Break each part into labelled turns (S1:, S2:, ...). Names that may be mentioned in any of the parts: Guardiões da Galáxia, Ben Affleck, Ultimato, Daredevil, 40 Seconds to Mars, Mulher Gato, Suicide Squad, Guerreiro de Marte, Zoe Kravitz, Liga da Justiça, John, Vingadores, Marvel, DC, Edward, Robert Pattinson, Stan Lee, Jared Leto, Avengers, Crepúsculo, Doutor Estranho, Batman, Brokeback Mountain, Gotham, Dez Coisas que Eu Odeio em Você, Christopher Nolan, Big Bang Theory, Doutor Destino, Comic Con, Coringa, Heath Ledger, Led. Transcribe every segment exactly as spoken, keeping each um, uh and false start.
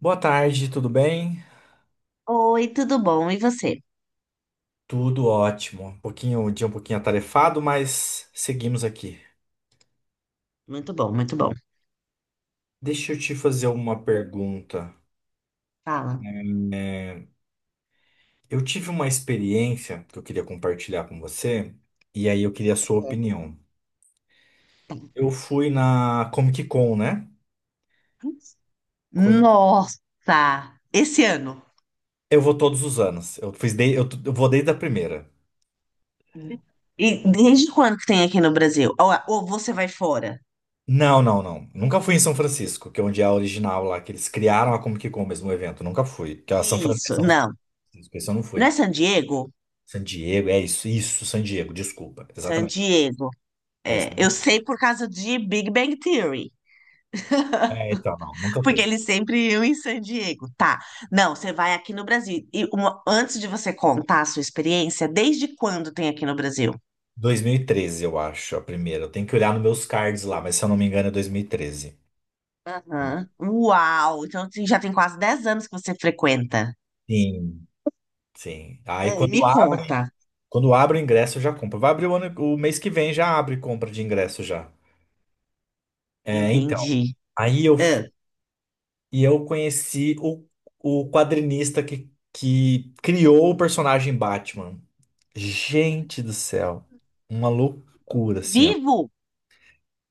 S1: Boa tarde, tudo bem?
S2: Oi, tudo bom? E você?
S1: Tudo ótimo. Um pouquinho, um dia um pouquinho atarefado, mas seguimos aqui.
S2: Muito bom, muito bom.
S1: Deixa eu te fazer uma pergunta.
S2: Fala.
S1: Eu tive uma experiência que eu queria compartilhar com você, e aí eu queria a sua opinião.
S2: Aham.
S1: Eu fui na Comic Con, né? Conhe-
S2: Nossa, esse ano!
S1: Eu vou todos os anos. Eu fiz de... eu t- eu vou desde a primeira.
S2: E desde quando que tem aqui no Brasil? Ou, ou você vai fora?
S1: Não, não, não. Nunca fui em São Francisco, que é onde é a original lá, que eles criaram a Comic Con mesmo, o evento. Nunca fui. Que é a São Fran-
S2: Isso,
S1: São
S2: não.
S1: Francisco, esse eu não
S2: Não é
S1: fui.
S2: San Diego?
S1: San Diego, é isso, isso, San Diego, desculpa,
S2: San
S1: exatamente.
S2: Diego.
S1: É isso,
S2: É,
S1: eu não
S2: eu
S1: fui.
S2: sei por causa de Big Bang Theory,
S1: É, então, não, nunca foi.
S2: porque eles sempre iam em San Diego. Tá. Não, você vai aqui no Brasil. E uma- antes de você contar a sua experiência, desde quando tem aqui no Brasil?
S1: dois mil e treze, eu acho, a primeira. Eu tenho que olhar nos meus cards lá, mas se eu não me engano é dois mil e treze.
S2: Aham. Uau! Então assim, já tem quase dez anos que você frequenta.
S1: Sim, sim. Aí
S2: Ai, me
S1: quando
S2: conta.
S1: abre, quando abre o ingresso, eu já compro. Vai abrir o ano, o mês que vem, já abre compra de ingresso já. É, então,
S2: Entendi.
S1: aí eu
S2: Ah,
S1: fui, e eu conheci o, o quadrinista que, que criou o personagem Batman. Gente do céu, uma loucura, assim.
S2: vivo?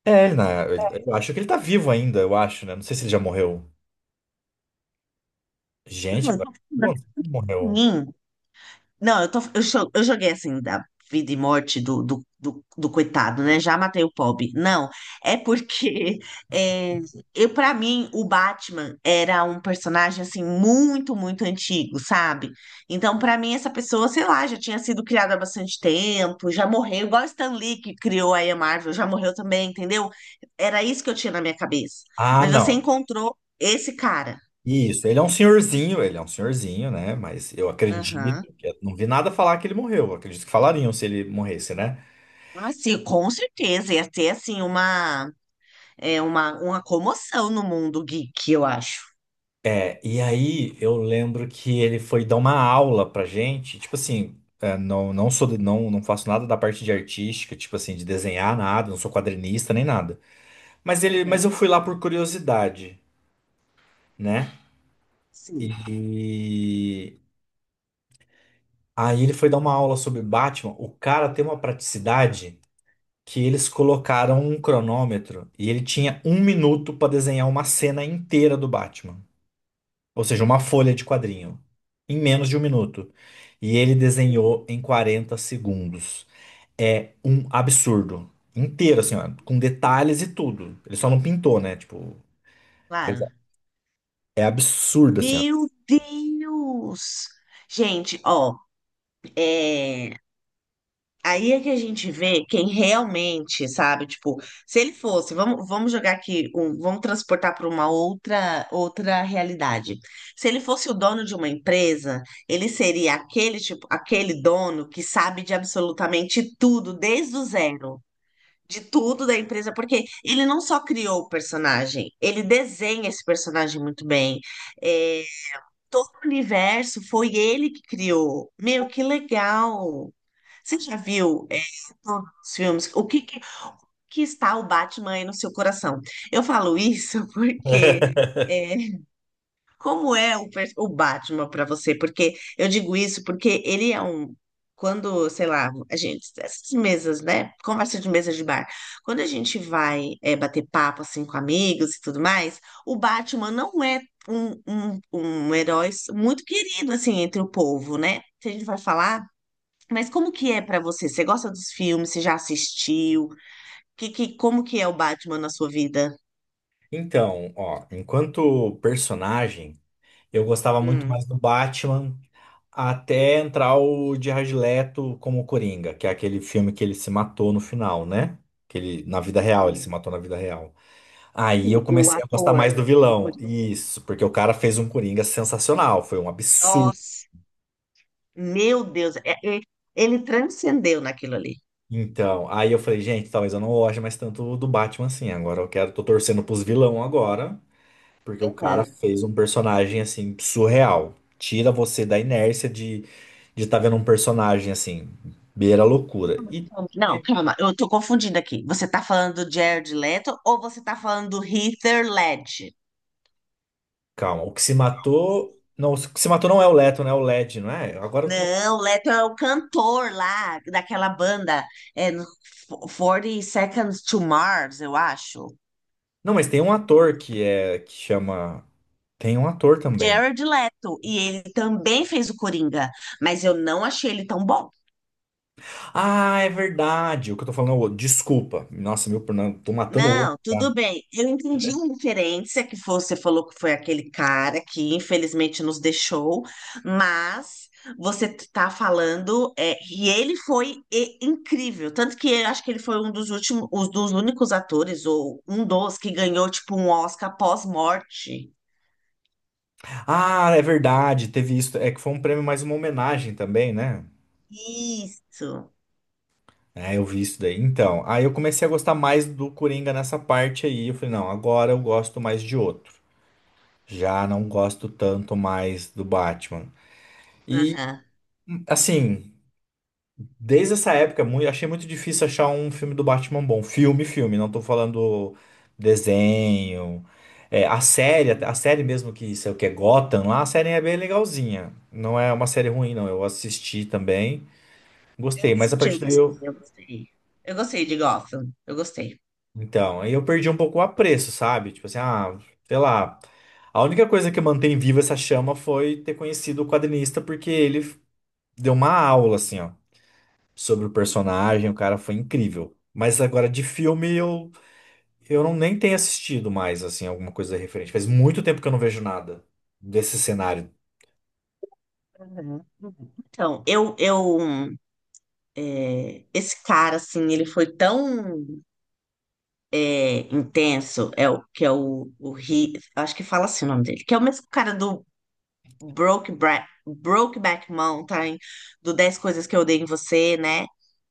S1: É, ele na- eu acho que ele tá vivo ainda, eu acho, né? Não sei se ele já morreu. Gente, agora. Não, ele morreu.
S2: Hum, Não, eu, tô, eu, cho- eu joguei assim, da vida e morte do, do, do, do coitado, né? Já matei o pobre. Não, é porque é, eu, para mim, o Batman era um personagem, assim, muito, muito antigo, sabe? Então, para mim, essa pessoa, sei lá, já tinha sido criada há bastante tempo, já morreu, igual o Stan Lee, que criou aí a Marvel, já morreu também, entendeu? Era isso que eu tinha na minha cabeça.
S1: Ah,
S2: Mas você
S1: não.
S2: encontrou esse cara.
S1: Isso, ele é um senhorzinho, ele é um senhorzinho, né? Mas eu
S2: Aham.
S1: acredito que. Não vi nada falar que ele morreu. Eu acredito que falariam se ele morresse, né?
S2: Ah, sim, com certeza. Ia ter, assim, uma. É uma, uma comoção no mundo geek, eu acho.
S1: É, e aí eu lembro que ele foi dar uma aula pra gente, tipo assim. É, não, não sou, de- não, não faço nada da parte de artística, tipo assim, de desenhar nada, não sou quadrinista nem nada. Mas ele,
S2: Uhum.
S1: mas eu fui lá por curiosidade, né?
S2: Sim,
S1: E aí ele foi dar uma aula sobre Batman. O cara tem uma praticidade que eles colocaram um cronômetro e ele tinha um minuto para desenhar uma cena inteira do Batman. Ou seja, uma folha de quadrinho. Em menos de um minuto. E ele
S2: uhum,
S1: desenhou em quarenta segundos. É um absurdo. Inteiro, assim, ó, com detalhes e tudo. Ele só não pintou, né? Tipo, fez-
S2: claro.
S1: é absurdo, assim, ó.
S2: Meu Deus! Gente, ó, é... aí é que a gente vê quem realmente, sabe? Tipo, se ele fosse, vamos, vamos jogar aqui, um- vamos transportar para uma outra, outra realidade. Se ele fosse o dono de uma empresa, ele seria aquele tipo, aquele dono que sabe de absolutamente tudo desde o zero. De tudo da empresa, porque ele não só criou o personagem, ele desenha esse personagem muito bem. É, todo o universo foi ele que criou. Meu, que legal! Você já viu, é, todos os filmes? O que, que, que está o Batman aí no seu coração? Eu falo isso porque. É, como é o, pers- o Batman para você? Porque eu digo isso porque ele é um. Quando, sei lá, a gente, essas mesas, né? Conversa de mesa de bar. Quando a gente vai é, bater papo assim com amigos e tudo mais, o Batman não é um, um, um herói muito querido assim entre o povo, né? Se a gente vai falar, mas como que é para você? Você gosta dos filmes? Você já assistiu? Que, que, como que é o Batman na sua vida?
S1: Então, ó, enquanto personagem. Eu gostava muito
S2: Hum,
S1: mais do Batman até entrar o Jared Leto como Coringa, que é aquele filme que ele se matou no final, né? Que ele, na vida real, ele se
S2: hum.
S1: matou na vida real. Aí eu
S2: O o
S1: comecei a gostar
S2: ator.
S1: mais do
S2: Do
S1: vilão. Isso, porque o cara fez um Coringa sensacional, foi um absurdo.
S2: Nossa. Meu Deus, é- é- ele transcendeu naquilo ali.
S1: Então, aí eu falei, gente, talvez eu não goste mais tanto do Batman assim. Agora eu quero, tô torcendo pros vilão agora. Porque o cara
S2: Uhum.
S1: fez um personagem assim surreal. Tira você da inércia de de estar vendo um personagem assim, beira a loucura. E
S2: Não, calma, eu tô confundindo aqui. Você tá falando do Jared Leto ou você tá falando do Heath Ledger?
S1: calma, o que se matou, não, o que se matou não é o Leto, né? É o Led, não é? Agora eu tô.
S2: Não, o Leto é o cantor lá daquela banda, é, no quarenta Seconds to Mars, eu acho.
S1: Não, mas tem um ator que é que chama tem um ator também.
S2: Jared Leto, e ele também fez o Coringa, mas eu não achei ele tão bom.
S1: Ah, é verdade. O que eu tô falando é o outro. Desculpa. Nossa, meu, não, tô matando o outro
S2: Não, tudo
S1: cara.
S2: bem. Eu entendi a referência que você falou que foi aquele cara que infelizmente nos deixou, mas você tá falando, é, e ele foi e- incrível. Tanto que eu acho que ele foi um dos últimos, um dos únicos atores, ou um dos que ganhou, tipo, um Oscar pós-morte.
S1: Ah, é verdade. Teve isso. É que foi um prêmio mais uma homenagem também, né?
S2: Isso.
S1: É, eu vi isso daí. Então, aí eu comecei a gostar mais do Coringa nessa parte aí. Eu falei, não, agora eu gosto mais de outro. Já não gosto tanto mais do Batman. E,
S2: Aham.
S1: assim, desde essa época, é mui- achei muito difícil achar um filme do Batman bom. Filme, filme, não tô falando desenho. É, a série, até- a série mesmo que isso é o que é Gotham lá, a série é bem legalzinha. Não é uma série ruim, não. Eu assisti também,
S2: Eu
S1: gostei, mas a
S2: assisti,
S1: partir
S2: eu
S1: daí
S2: gostei.
S1: eu.
S2: Eu gostei. Eu gostei de Gotham. Eu gostei.
S1: Então, aí eu perdi um pouco o apreço, sabe? Tipo assim, ah, sei lá. A única coisa que mantém viva essa chama foi ter conhecido o quadrinista, porque ele deu uma aula, assim, ó, sobre o personagem, o cara foi incrível. Mas agora de filme eu, eu não nem tenho assistido mais, assim, alguma coisa referente. Faz muito tempo que eu não vejo nada desse cenário.
S2: Uhum, uhum. Então, eu, eu é, esse cara, assim, ele foi tão é, intenso, é o que é o, o Ri, acho que fala assim o nome dele, que é o mesmo cara do Broke Bra- Brokeback Mountain, do dez Coisas que Eu Odeio em Você, né?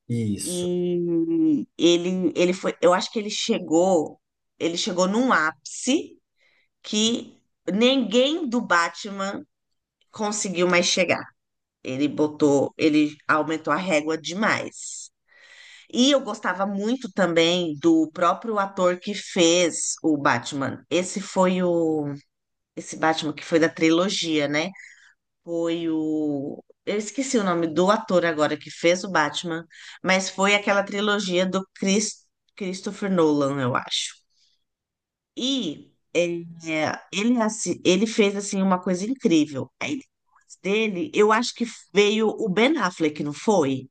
S1: Isso.
S2: E ele, ele foi, eu acho que ele chegou, ele chegou num ápice que ninguém do Batman conseguiu mais chegar. Ele botou, ele aumentou a régua demais. E eu gostava muito também do próprio ator que fez o Batman. Esse foi o. Esse Batman que foi da trilogia, né? Foi o. Eu esqueci o nome do ator agora que fez o Batman, mas foi aquela trilogia do Chris... Christopher Nolan, eu acho. E é, ele, é assi- ele fez assim uma coisa incrível. Aí depois dele, eu acho que veio o Ben Affleck, não foi?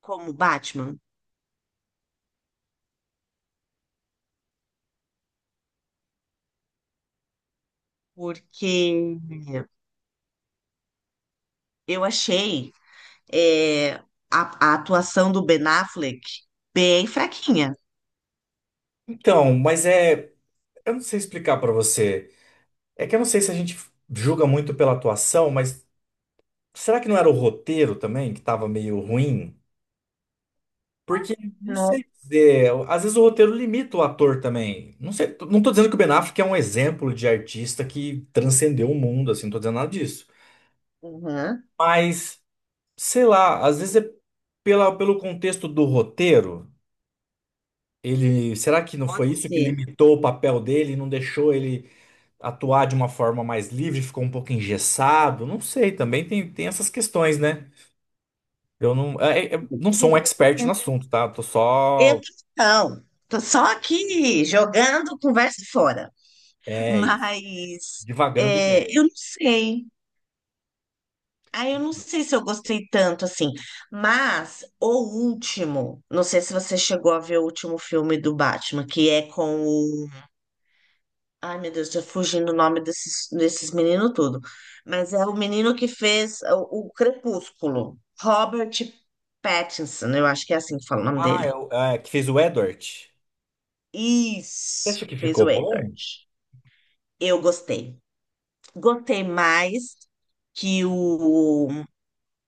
S2: Como Batman, porque eu achei é, a, a atuação do Ben Affleck bem fraquinha.
S1: Então, mas é. Eu não sei explicar pra você. É que eu não sei se a gente julga muito pela atuação, mas. Será que não era o roteiro também que estava meio ruim? Porque, não
S2: Não.
S1: sei dizer, às vezes o roteiro limita o ator também. Não sei, não tô dizendo que o Ben Affleck é um exemplo de artista que transcendeu o mundo, assim, não tô dizendo nada disso.
S2: Uhum.
S1: Mas, sei lá, às vezes é pela, pelo contexto do roteiro, ele, será que não
S2: Pode
S1: foi isso que
S2: ser.
S1: limitou o papel dele, e não deixou ele atuar de uma forma mais livre, ficou um pouco engessado? Não sei, também tem, tem essas questões, né? Eu não, é- é- não sou um expert no assunto, tá? Eu tô
S2: Eu
S1: só,
S2: não. Tô só aqui jogando conversa fora.
S1: é, isso,
S2: Mas
S1: divagando
S2: é,
S1: ideia.
S2: eu não sei. Ah, eu não sei se eu gostei tanto assim. Mas o último, não sei se você chegou a ver o último filme do Batman, que é com Ai, meu Deus, tô fugindo o nome desses, desses meninos tudo. Mas é o menino que fez o, o Crepúsculo. Robert Pattinson, eu acho que é assim que fala o nome
S1: Ah,
S2: dele.
S1: é, o- é, que fez o Edward. Você
S2: Isso,
S1: acha que
S2: que fez
S1: ficou
S2: o Edward.
S1: bom?
S2: Eu gostei. Gostei mais que o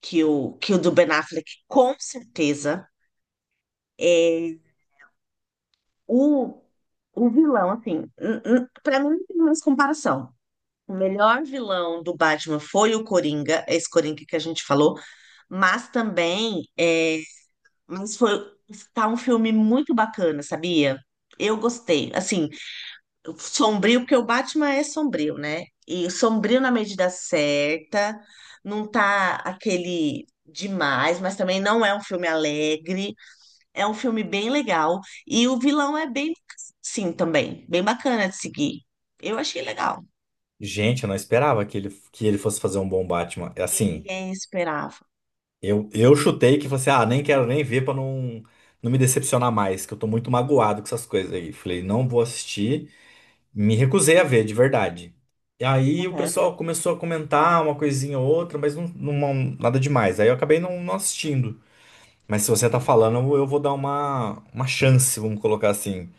S2: que o, que o do Ben Affleck, com certeza. É, o, o vilão, assim, n- n- pra mim não tem mais comparação. O melhor vilão do Batman foi o Coringa, esse Coringa que a gente falou. Mas também, é, mas foi tá um filme muito bacana, sabia? Eu gostei. Assim, sombrio, porque o Batman é sombrio, né? E sombrio na medida certa, não tá aquele demais, mas também não é um filme alegre. É um filme bem legal. E o vilão é bem, sim, também, bem bacana de seguir. Eu achei legal.
S1: Gente, eu não esperava que ele, que ele fosse fazer um bom Batman. É assim,
S2: Ninguém esperava,
S1: eu, eu chutei que fosse, ah, nem quero nem ver pra não, não me decepcionar mais, que eu tô muito magoado com essas coisas aí. Falei, não vou assistir. Me recusei a ver, de verdade. E aí o
S2: né?
S1: pessoal começou a comentar uma coisinha ou outra, mas não, não- nada demais. Aí eu acabei não, não assistindo. Mas se você tá falando, eu vou dar uma, uma chance, vamos colocar assim.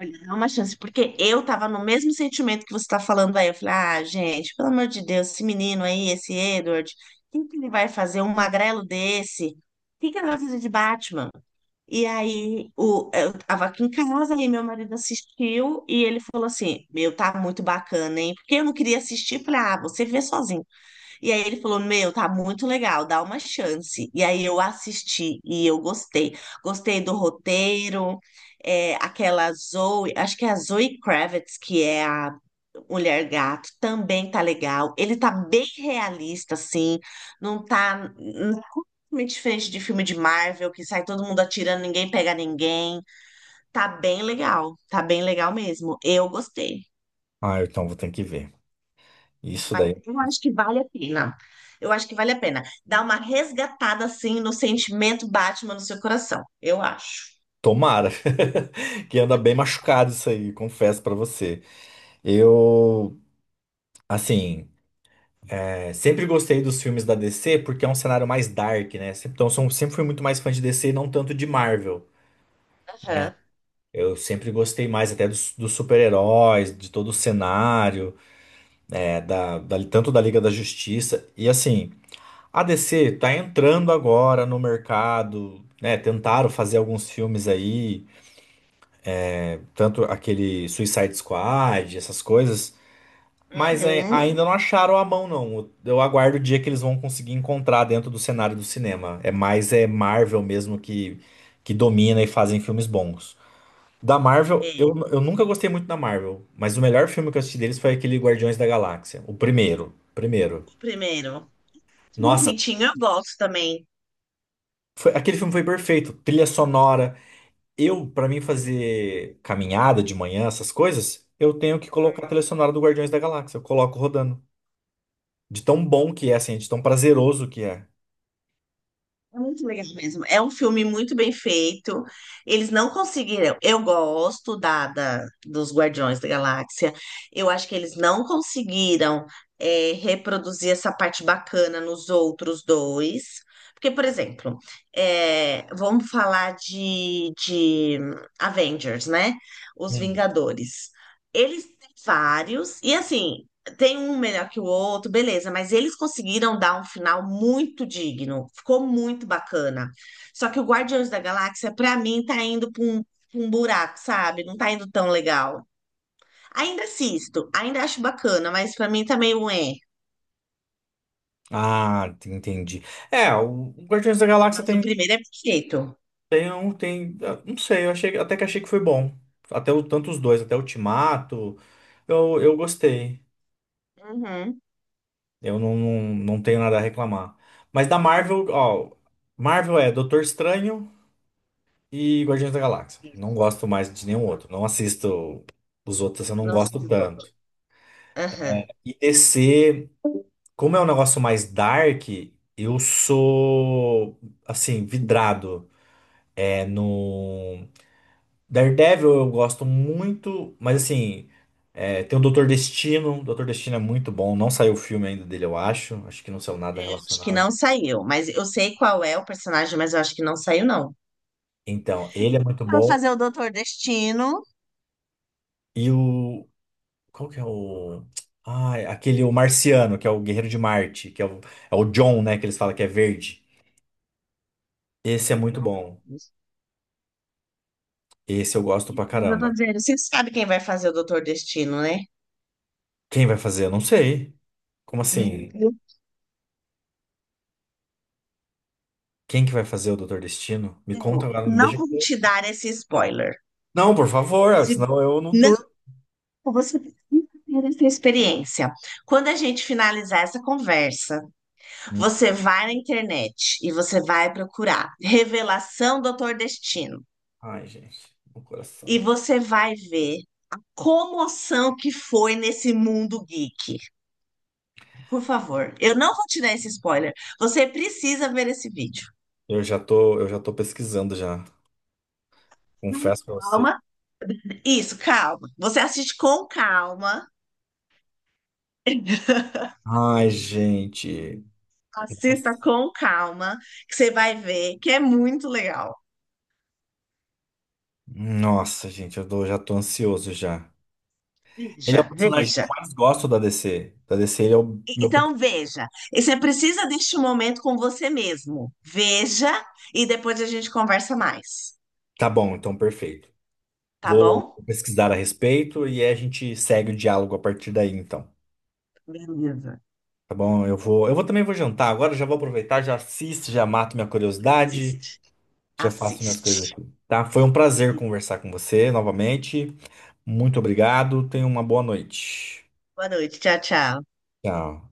S2: Olha, dá uma chance, porque eu tava no mesmo sentimento que você tá falando aí. Eu falei, ah, gente, pelo amor de Deus, esse menino aí, esse Edward, o que ele vai fazer? Um magrelo desse? O que que ele vai fazer de Batman? E aí, o, eu tava aqui em casa e meu marido assistiu e ele falou assim: Meu, tá muito bacana, hein? Porque eu não queria assistir, eu falei, ah, você vê sozinho. E aí ele falou: Meu, tá muito legal, dá uma chance. E aí eu assisti e eu gostei. Gostei do roteiro, é, aquela Zoe, acho que é a Zoe Kravitz, que é a Mulher Gato, também tá legal. Ele tá bem realista, assim, não tá hum, muito diferente de filme de Marvel, que sai todo mundo atirando, ninguém pega ninguém. Tá bem legal, tá bem legal mesmo. Eu gostei.
S1: Ah, então vou ter que ver. Isso
S2: Vai,
S1: daí,
S2: eu acho que vale a pena. Eu acho que vale a pena. Dá uma resgatada assim no sentimento Batman no seu coração. Eu acho.
S1: tomara. Que anda bem machucado isso aí, confesso pra você. Eu, assim, é, sempre gostei dos filmes da D C porque é um cenário mais dark, né? Sempre- Então, sou, sempre fui muito mais fã de D C e não tanto de Marvel.
S2: Aham.
S1: Eu sempre gostei mais até dos, dos super-heróis, de todo o cenário, é, da, da- tanto da Liga da Justiça. E assim. A D C tá entrando agora no mercado, né? Tentaram fazer alguns filmes aí, tanto aquele Suicide Squad, essas coisas, mas é,
S2: Uhum.
S1: ainda não acharam a mão, não. Eu aguardo o dia que eles vão conseguir encontrar dentro do cenário do cinema. É mais é Marvel mesmo que, que domina e fazem filmes bons. Da Marvel,
S2: É,
S1: eu, eu nunca gostei muito da Marvel, mas o melhor filme que eu assisti deles foi aquele Guardiões da Galáxia, o primeiro, primeiro.
S2: o primeiro.
S1: Nossa,
S2: Quentinho eu gosto também.
S1: foi- aquele filme foi perfeito. Trilha sonora. Eu, pra mim fazer caminhada de manhã, essas coisas, eu tenho que colocar a trilha sonora do Guardiões da Galáxia. Eu coloco rodando. De tão bom que é, assim, de tão prazeroso que é.
S2: É muito legal mesmo. É um filme muito bem feito. Eles não conseguiram. Eu gosto da, da- dos Guardiões da Galáxia. Eu acho que eles não conseguiram é, reproduzir essa parte bacana nos outros dois. Porque, por exemplo, é, vamos falar de, de Avengers, né? Os
S1: Hum.
S2: Vingadores. Eles têm vários, e assim, tem um melhor que o outro, beleza, mas eles conseguiram dar um final muito digno, ficou muito bacana. Só que o Guardiões da Galáxia, pra mim, tá indo pra um, pra um buraco, sabe? Não tá indo tão legal. Ainda assisto, ainda acho bacana, mas pra mim tá meio é.
S1: Ah, te- entendi. É, o Guardiões da Galáxia
S2: Mas o
S1: tem,
S2: primeiro é perfeito.
S1: tem, um, tem, ah, não sei, eu achei, até que achei que foi bom. Até o, tanto os dois, até o Ultimato, eu, eu gostei.
S2: Uhum.
S1: Eu não, não, não tenho nada a reclamar. Mas da Marvel, ó, Marvel é Doutor Estranho, e Guardiões da Galáxia. Não gosto mais de nenhum outro. Não assisto os outros, eu não
S2: Não
S1: gosto
S2: sei outro.
S1: tanto.
S2: Aham.
S1: E D C, como é um negócio mais dark, eu sou, assim, vidrado. É, no Daredevil eu gosto muito, mas assim, é, tem o Doutor Destino. O Doutor Destino é muito bom. Não saiu o filme ainda dele, eu acho. Acho que não saiu nada
S2: Eu acho que
S1: relacionado.
S2: não saiu, mas eu sei qual é o personagem, mas eu acho que não saiu, não.
S1: Então, ele é muito
S2: Pra
S1: bom.
S2: fazer o Doutor Destino.
S1: E o Qual que é o. Ai, aquele o marciano, que é o Guerreiro de Marte, que é o, é o John, né? Que eles falam que é verde. Esse é muito
S2: Então,
S1: bom. Esse eu gosto pra
S2: mas eu tô
S1: caramba.
S2: dizendo, você sabe quem vai fazer o Doutor Destino, né?
S1: Quem vai fazer? Eu não sei. Como
S2: Hum,
S1: assim?
S2: Eu,
S1: Quem que vai fazer o Doutor Destino? Me
S2: eu
S1: conta
S2: eu
S1: agora, não me
S2: não
S1: deixa.
S2: vou
S1: com-
S2: te dar esse spoiler.
S1: Não, por favor, é,
S2: Se,
S1: senão eu não
S2: não,
S1: durmo.
S2: você precisa ter essa experiência. Quando a gente finalizar essa conversa, você vai na internet e você vai procurar Revelação Doutor Destino.
S1: Ai, gente, meu
S2: E
S1: coração.
S2: você vai ver comoção que foi nesse mundo geek. Por favor, eu não vou te dar esse spoiler. Você precisa ver esse vídeo.
S1: Eu já tô, eu já tô pesquisando já. Confesso pra você.
S2: Calma. Isso, calma. Você assiste com calma.
S1: Ai, gente.
S2: Assista
S1: Nossa,
S2: com calma, que você vai ver que é muito legal.
S1: nossa, gente, eu tô- já tô ansioso já. Ele
S2: Veja,
S1: é o personagem que
S2: veja.
S1: eu mais gosto da D C. Da D C, ele é o
S2: E-
S1: meu. pre-
S2: então, veja. E você precisa deste momento com você mesmo. Veja e depois a gente conversa mais.
S1: Tá bom, então perfeito.
S2: Tá
S1: Vou
S2: bom?
S1: pesquisar a respeito e a gente segue o diálogo a partir daí, então.
S2: Beleza.
S1: Tá bom? Eu vou, eu vou também vou jantar agora, já vou aproveitar, já assisto, já mato minha curiosidade,
S2: Assiste.
S1: já faço minhas
S2: Assiste.
S1: coisas aqui. Tá? Foi um prazer
S2: Isso.
S1: conversar com você novamente. Muito obrigado. Tenha uma boa noite.
S2: Boa noite. Tchau, tchau.
S1: Tchau.